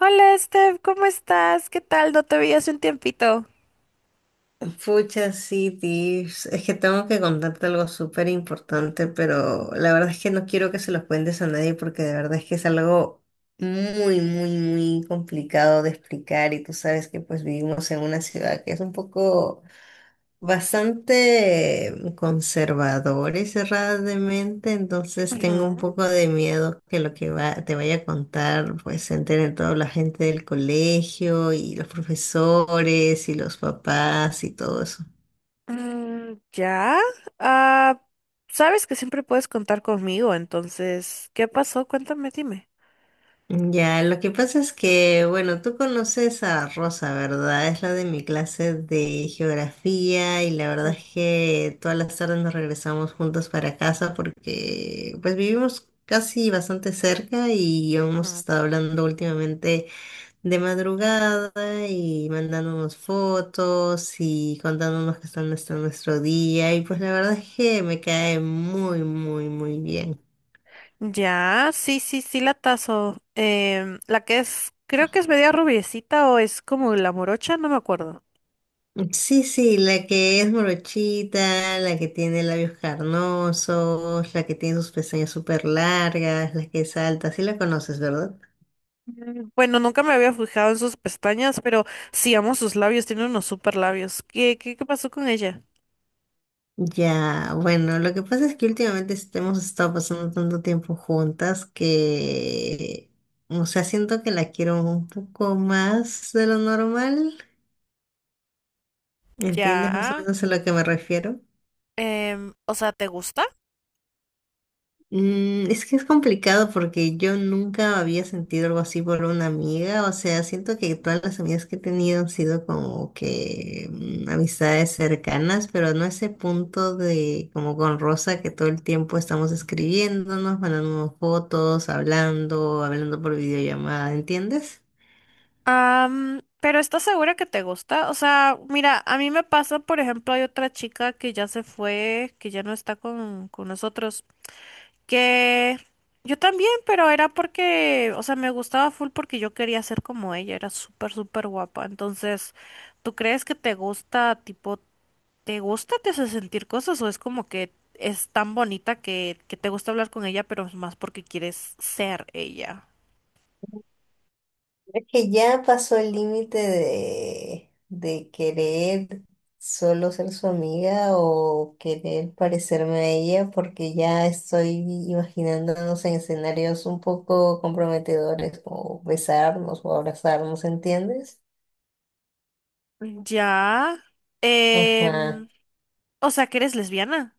Hola, Steph, ¿cómo estás? ¿Qué tal? No te veía hace un tiempito. Fucha sí, Tips. Es que tengo que contarte algo súper importante, pero la verdad es que no quiero que se los cuentes a nadie porque de verdad es que es algo muy, muy, muy complicado de explicar y tú sabes que pues vivimos en una ciudad que es un poco bastante conservadora y cerrada de mente, entonces Ujú. tengo un poco de miedo que lo que te vaya a contar pues se entere toda la gente del colegio y los profesores y los papás y todo eso. Mm, ya. Ah, sabes que siempre puedes contar conmigo, entonces, ¿qué pasó? Cuéntame, dime. Ya, lo que pasa es que, bueno, tú conoces a Rosa, ¿verdad? Es la de mi clase de geografía y la verdad es que todas las tardes nos regresamos juntos para casa porque pues vivimos casi bastante cerca y hemos Mm. estado hablando últimamente de madrugada y mandándonos fotos y contándonos qué está nuestro día y pues la verdad es que me cae muy, muy, muy bien. Ya, sí, sí, sí, la tazo. La que es, creo que es media rubiecita o es como la morocha, no me acuerdo. Sí, sí, la que es morochita, la que tiene labios carnosos, la que tiene sus pestañas súper largas, la que es alta, sí la conoces, ¿verdad? Mm, bueno, nunca me había fijado en sus pestañas, pero sí amo sus labios, tiene unos super labios. ¿Qué pasó con ella? Ya, bueno, lo que pasa es que últimamente hemos estado pasando tanto tiempo juntas que, o sea, siento que la quiero un poco más de lo normal. ¿Entiendes más o Ya. menos a lo que me refiero? O sea, ¿te gusta? Es que es complicado porque yo nunca había sentido algo así por una amiga, o sea, siento que todas las amigas que he tenido han sido como que amistades cercanas, pero no ese punto de como con Rosa que todo el tiempo estamos escribiéndonos, mandándonos fotos, hablando por videollamada, ¿entiendes? Pero ¿estás segura que te gusta? O sea, mira, a mí me pasa, por ejemplo, hay otra chica que ya se fue, que ya no está con nosotros, que yo también, pero era porque, o sea, me gustaba full porque yo quería ser como ella, era súper, súper guapa. Entonces, ¿tú crees que te gusta tipo? ¿Te gusta, te hace sentir cosas o es como que es tan bonita que te gusta hablar con ella, pero es más porque quieres ser ella? Es que ya pasó el límite de querer solo ser su amiga o querer parecerme a ella, porque ya estoy imaginándonos en escenarios un poco comprometedores, o besarnos o abrazarnos, ¿entiendes? Ya. Ajá. em, o sea, que eres lesbiana.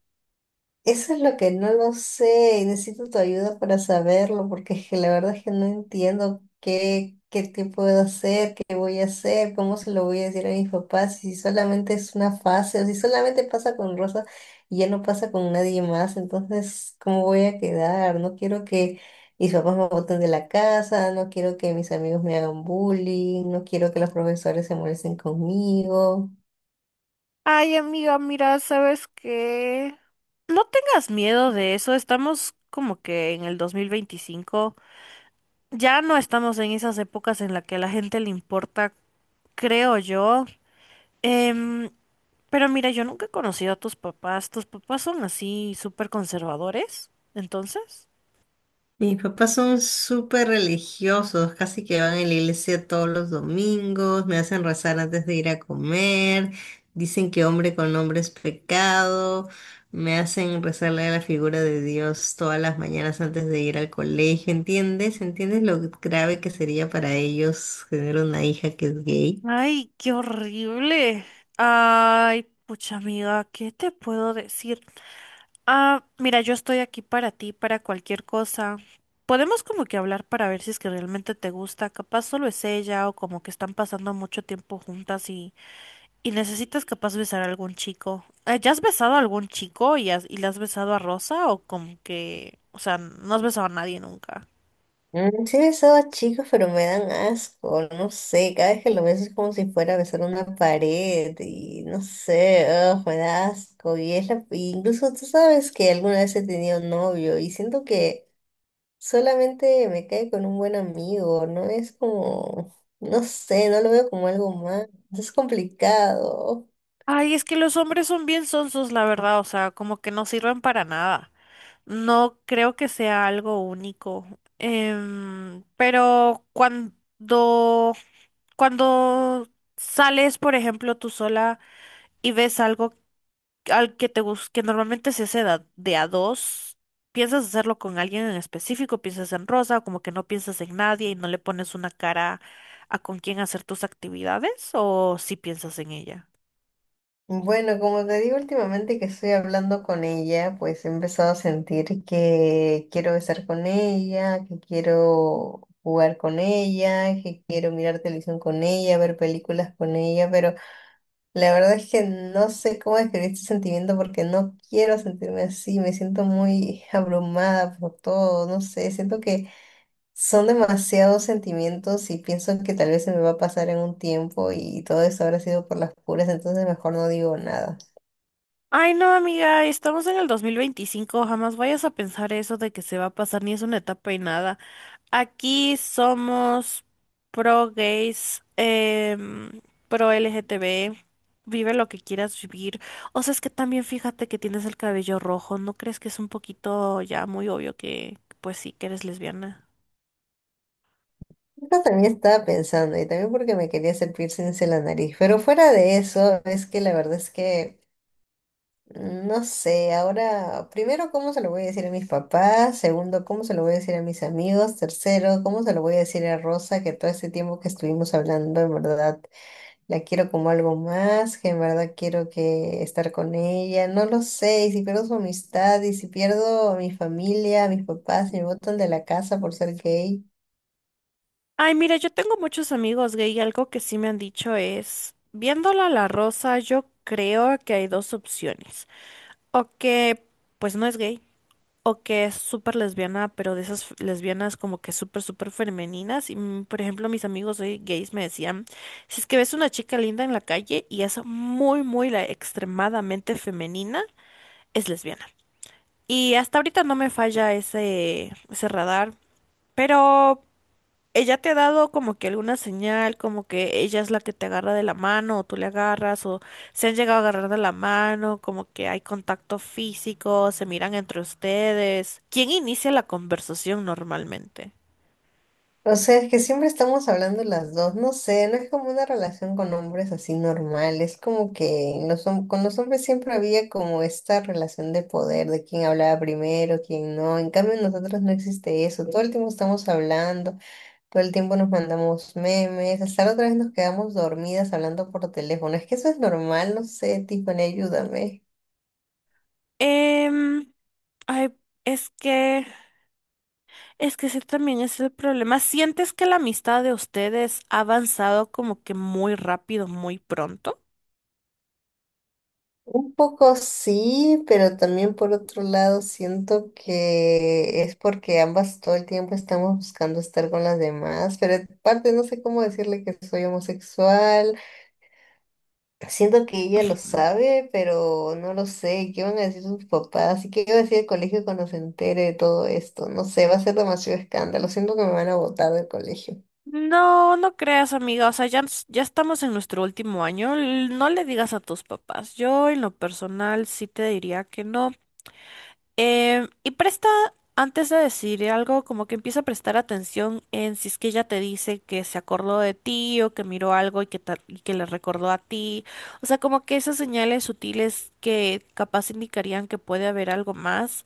Eso es lo que no lo sé y necesito tu ayuda para saberlo, porque es que la verdad es que no entiendo qué puedo hacer, qué voy a hacer, cómo se lo voy a decir a mis papás, si solamente es una fase, o si solamente pasa con Rosa y ya no pasa con nadie más, entonces, ¿cómo voy a quedar? No quiero que mis papás me boten de la casa, no quiero que mis amigos me hagan bullying, no quiero que los profesores se molesten conmigo. Ay, amiga, mira, ¿sabes qué? No tengas miedo de eso, estamos como que en el 2025, ya no estamos en esas épocas en las que a la gente le importa, creo yo. Em, Pero mira, yo nunca he conocido a tus papás. ¿Tus papás son así súper conservadores? Entonces. Mis papás son súper religiosos, casi que van a la iglesia todos los domingos, me hacen rezar antes de ir a comer, dicen que hombre con hombre es pecado, me hacen rezarle a la figura de Dios todas las mañanas antes de ir al colegio, ¿entiendes? ¿Entiendes lo grave que sería para ellos tener una hija que es gay? Ay, qué horrible. Ay, pucha amiga, ¿qué te puedo decir? Mira, yo estoy aquí para ti, para cualquier cosa. Podemos como que hablar para ver si es que realmente te gusta. Capaz solo es ella o como que están pasando mucho tiempo juntas. ¿Y necesitas capaz besar a algún chico? ¿Ya has besado a algún chico y, y le has besado a Rosa o como que, o sea, no has besado a nadie nunca? Mm, sí he besado a chicos, pero me dan asco, no sé, cada vez que lo beso es como si fuera a besar una pared y no sé, ugh, me da asco y incluso tú sabes que alguna vez he tenido novio y siento que solamente me cae con un buen amigo, no es como, no sé, no lo veo como algo más, es complicado. Ay, es que los hombres son bien sonsos, la verdad, o sea, como que no sirven para nada. No creo que sea algo único. Pero cuando sales, por ejemplo, tú sola y ves algo al que que normalmente se hace de a dos, ¿piensas hacerlo con alguien en específico? ¿Piensas en Rosa o como que no piensas en nadie y no le pones una cara a con quién hacer tus actividades o si piensas en ella? Bueno, como te digo últimamente que estoy hablando con ella, pues he empezado a sentir que quiero estar con ella, que quiero jugar con ella, que quiero mirar televisión con ella, ver películas con ella, pero la verdad es que no sé cómo describir este sentimiento porque no quiero sentirme así, me siento muy abrumada por todo, no sé, siento que son demasiados sentimientos y pienso que tal vez se me va a pasar en un tiempo y todo eso habrá sido por las puras, entonces mejor no digo nada. Ay, no, amiga, estamos en el dos mil veinticinco, jamás vayas a pensar eso de que se va a pasar ni es una etapa y nada. Aquí somos pro gays, pro LGTB, vive lo que quieras vivir. O sea, es que también fíjate que tienes el cabello rojo, ¿no crees que es un poquito ya muy obvio que, pues sí, que eres lesbiana? Yo también estaba pensando, y también porque me quería hacer piercings en la nariz, pero fuera de eso, es que la verdad es que no sé, ahora, primero, ¿cómo se lo voy a decir a mis papás? Segundo, ¿cómo se lo voy a decir a mis amigos? Tercero, ¿cómo se lo voy a decir a Rosa que todo este tiempo que estuvimos hablando, en verdad, la quiero como algo más, que en verdad quiero que estar con ella, no lo sé, y si pierdo su amistad, y si pierdo a mi familia, a mis papás, si me botan de la casa por ser gay. Ay, mira, yo tengo muchos amigos gay y algo que sí me han dicho es, viéndola a la Rosa, yo creo que hay dos opciones. O que, pues no es gay, o que es súper lesbiana, pero de esas lesbianas como que súper, súper femeninas. Y, mm, por ejemplo, mis amigos hoy gays me decían, si es que ves una chica linda en la calle y es muy, muy la extremadamente femenina, es lesbiana. Y hasta ahorita no me falla ese radar, pero ella te ha dado como que alguna señal, como que ella es la que te agarra de la mano o tú le agarras o se han llegado a agarrar de la mano, como que hay contacto físico, se miran entre ustedes. ¿Quién inicia la conversación normalmente? O sea, es que siempre estamos hablando las dos, no sé, no es como una relación con hombres así normal, es como que los con los hombres siempre había como esta relación de poder, de quién hablaba primero, quién no, en cambio en nosotros no existe eso, todo el tiempo estamos hablando, todo el tiempo nos mandamos memes, hasta la otra vez nos quedamos dormidas hablando por teléfono, es que eso es normal, no sé, Tiffany, ayúdame. Em, ay, es que... Es que ese también es el problema. ¿Sientes que la amistad de ustedes ha avanzado como que muy rápido, muy pronto? Un poco sí, pero también por otro lado siento que es porque ambas todo el tiempo estamos buscando estar con las demás, pero aparte no sé cómo decirle que soy homosexual. Siento que ella lo sabe, pero no lo sé. ¿Qué van a decir sus papás? ¿Y qué va a decir el colegio cuando se entere de todo esto? No sé, va a ser demasiado escándalo. Siento que me van a botar del colegio. No, no creas, amiga. O sea, ya, ya estamos en nuestro último año. No le digas a tus papás. Yo, en lo personal, sí te diría que no. Y presta, antes de decir algo, como que empieza a prestar atención en si es que ella te dice que se acordó de ti o que miró algo y que, y que le recordó a ti. O sea, como que esas señales sutiles que capaz indicarían que puede haber algo más.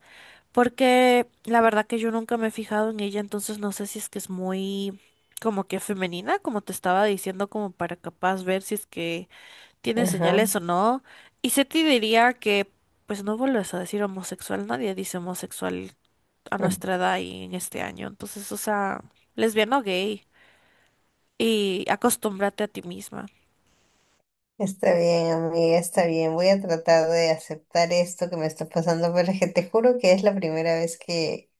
Porque la verdad que yo nunca me he fijado en ella, entonces no sé si es que es muy como que femenina, como te estaba diciendo, como para capaz ver si es que tiene Ajá. señales o no. Y se te diría que, pues no vuelves a decir homosexual, nadie dice homosexual a nuestra edad y en este año. Entonces, o sea, lesbiana o gay. Y acostúmbrate a ti misma. Está bien, amiga, está bien. Voy a tratar de aceptar esto que me está pasando, pero es que te juro que es la primera vez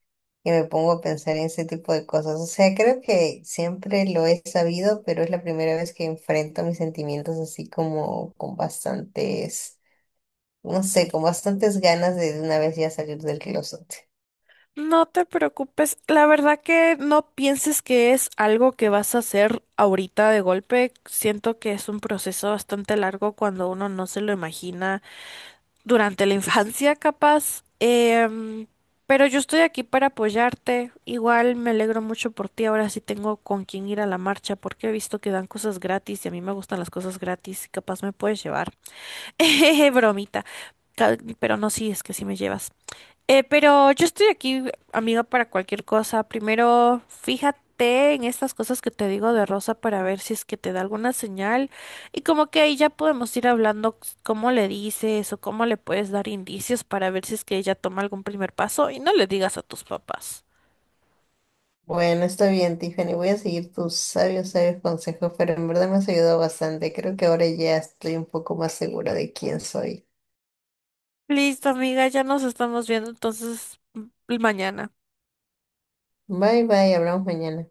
que me pongo a pensar en ese tipo de cosas. O sea, creo que siempre lo he sabido, pero es la primera vez que enfrento mis sentimientos así como con bastantes, no sé, con bastantes ganas de una vez ya salir del closet. No te preocupes, la verdad que no pienses que es algo que vas a hacer ahorita de golpe. Siento que es un proceso bastante largo cuando uno no se lo imagina durante la infancia, capaz. Pero yo estoy aquí para apoyarte. Igual me alegro mucho por ti. Ahora sí tengo con quién ir a la marcha porque he visto que dan cosas gratis y a mí me gustan las cosas gratis y capaz me puedes llevar. Bromita. Pero no, sí, es que sí me llevas. Pero yo estoy aquí, amiga, para cualquier cosa. Primero, fíjate en estas cosas que te digo de Rosa para ver si es que te da alguna señal. Y como que ahí ya podemos ir hablando cómo le dices o cómo le puedes dar indicios para ver si es que ella toma algún primer paso y no le digas a tus papás. Bueno, está bien, Tiffany. Voy a seguir tus sabios, sabios consejos, pero en verdad me has ayudado bastante. Creo que ahora ya estoy un poco más segura de quién soy. Listo, amiga, ya nos estamos viendo entonces mañana. Bye bye, hablamos mañana.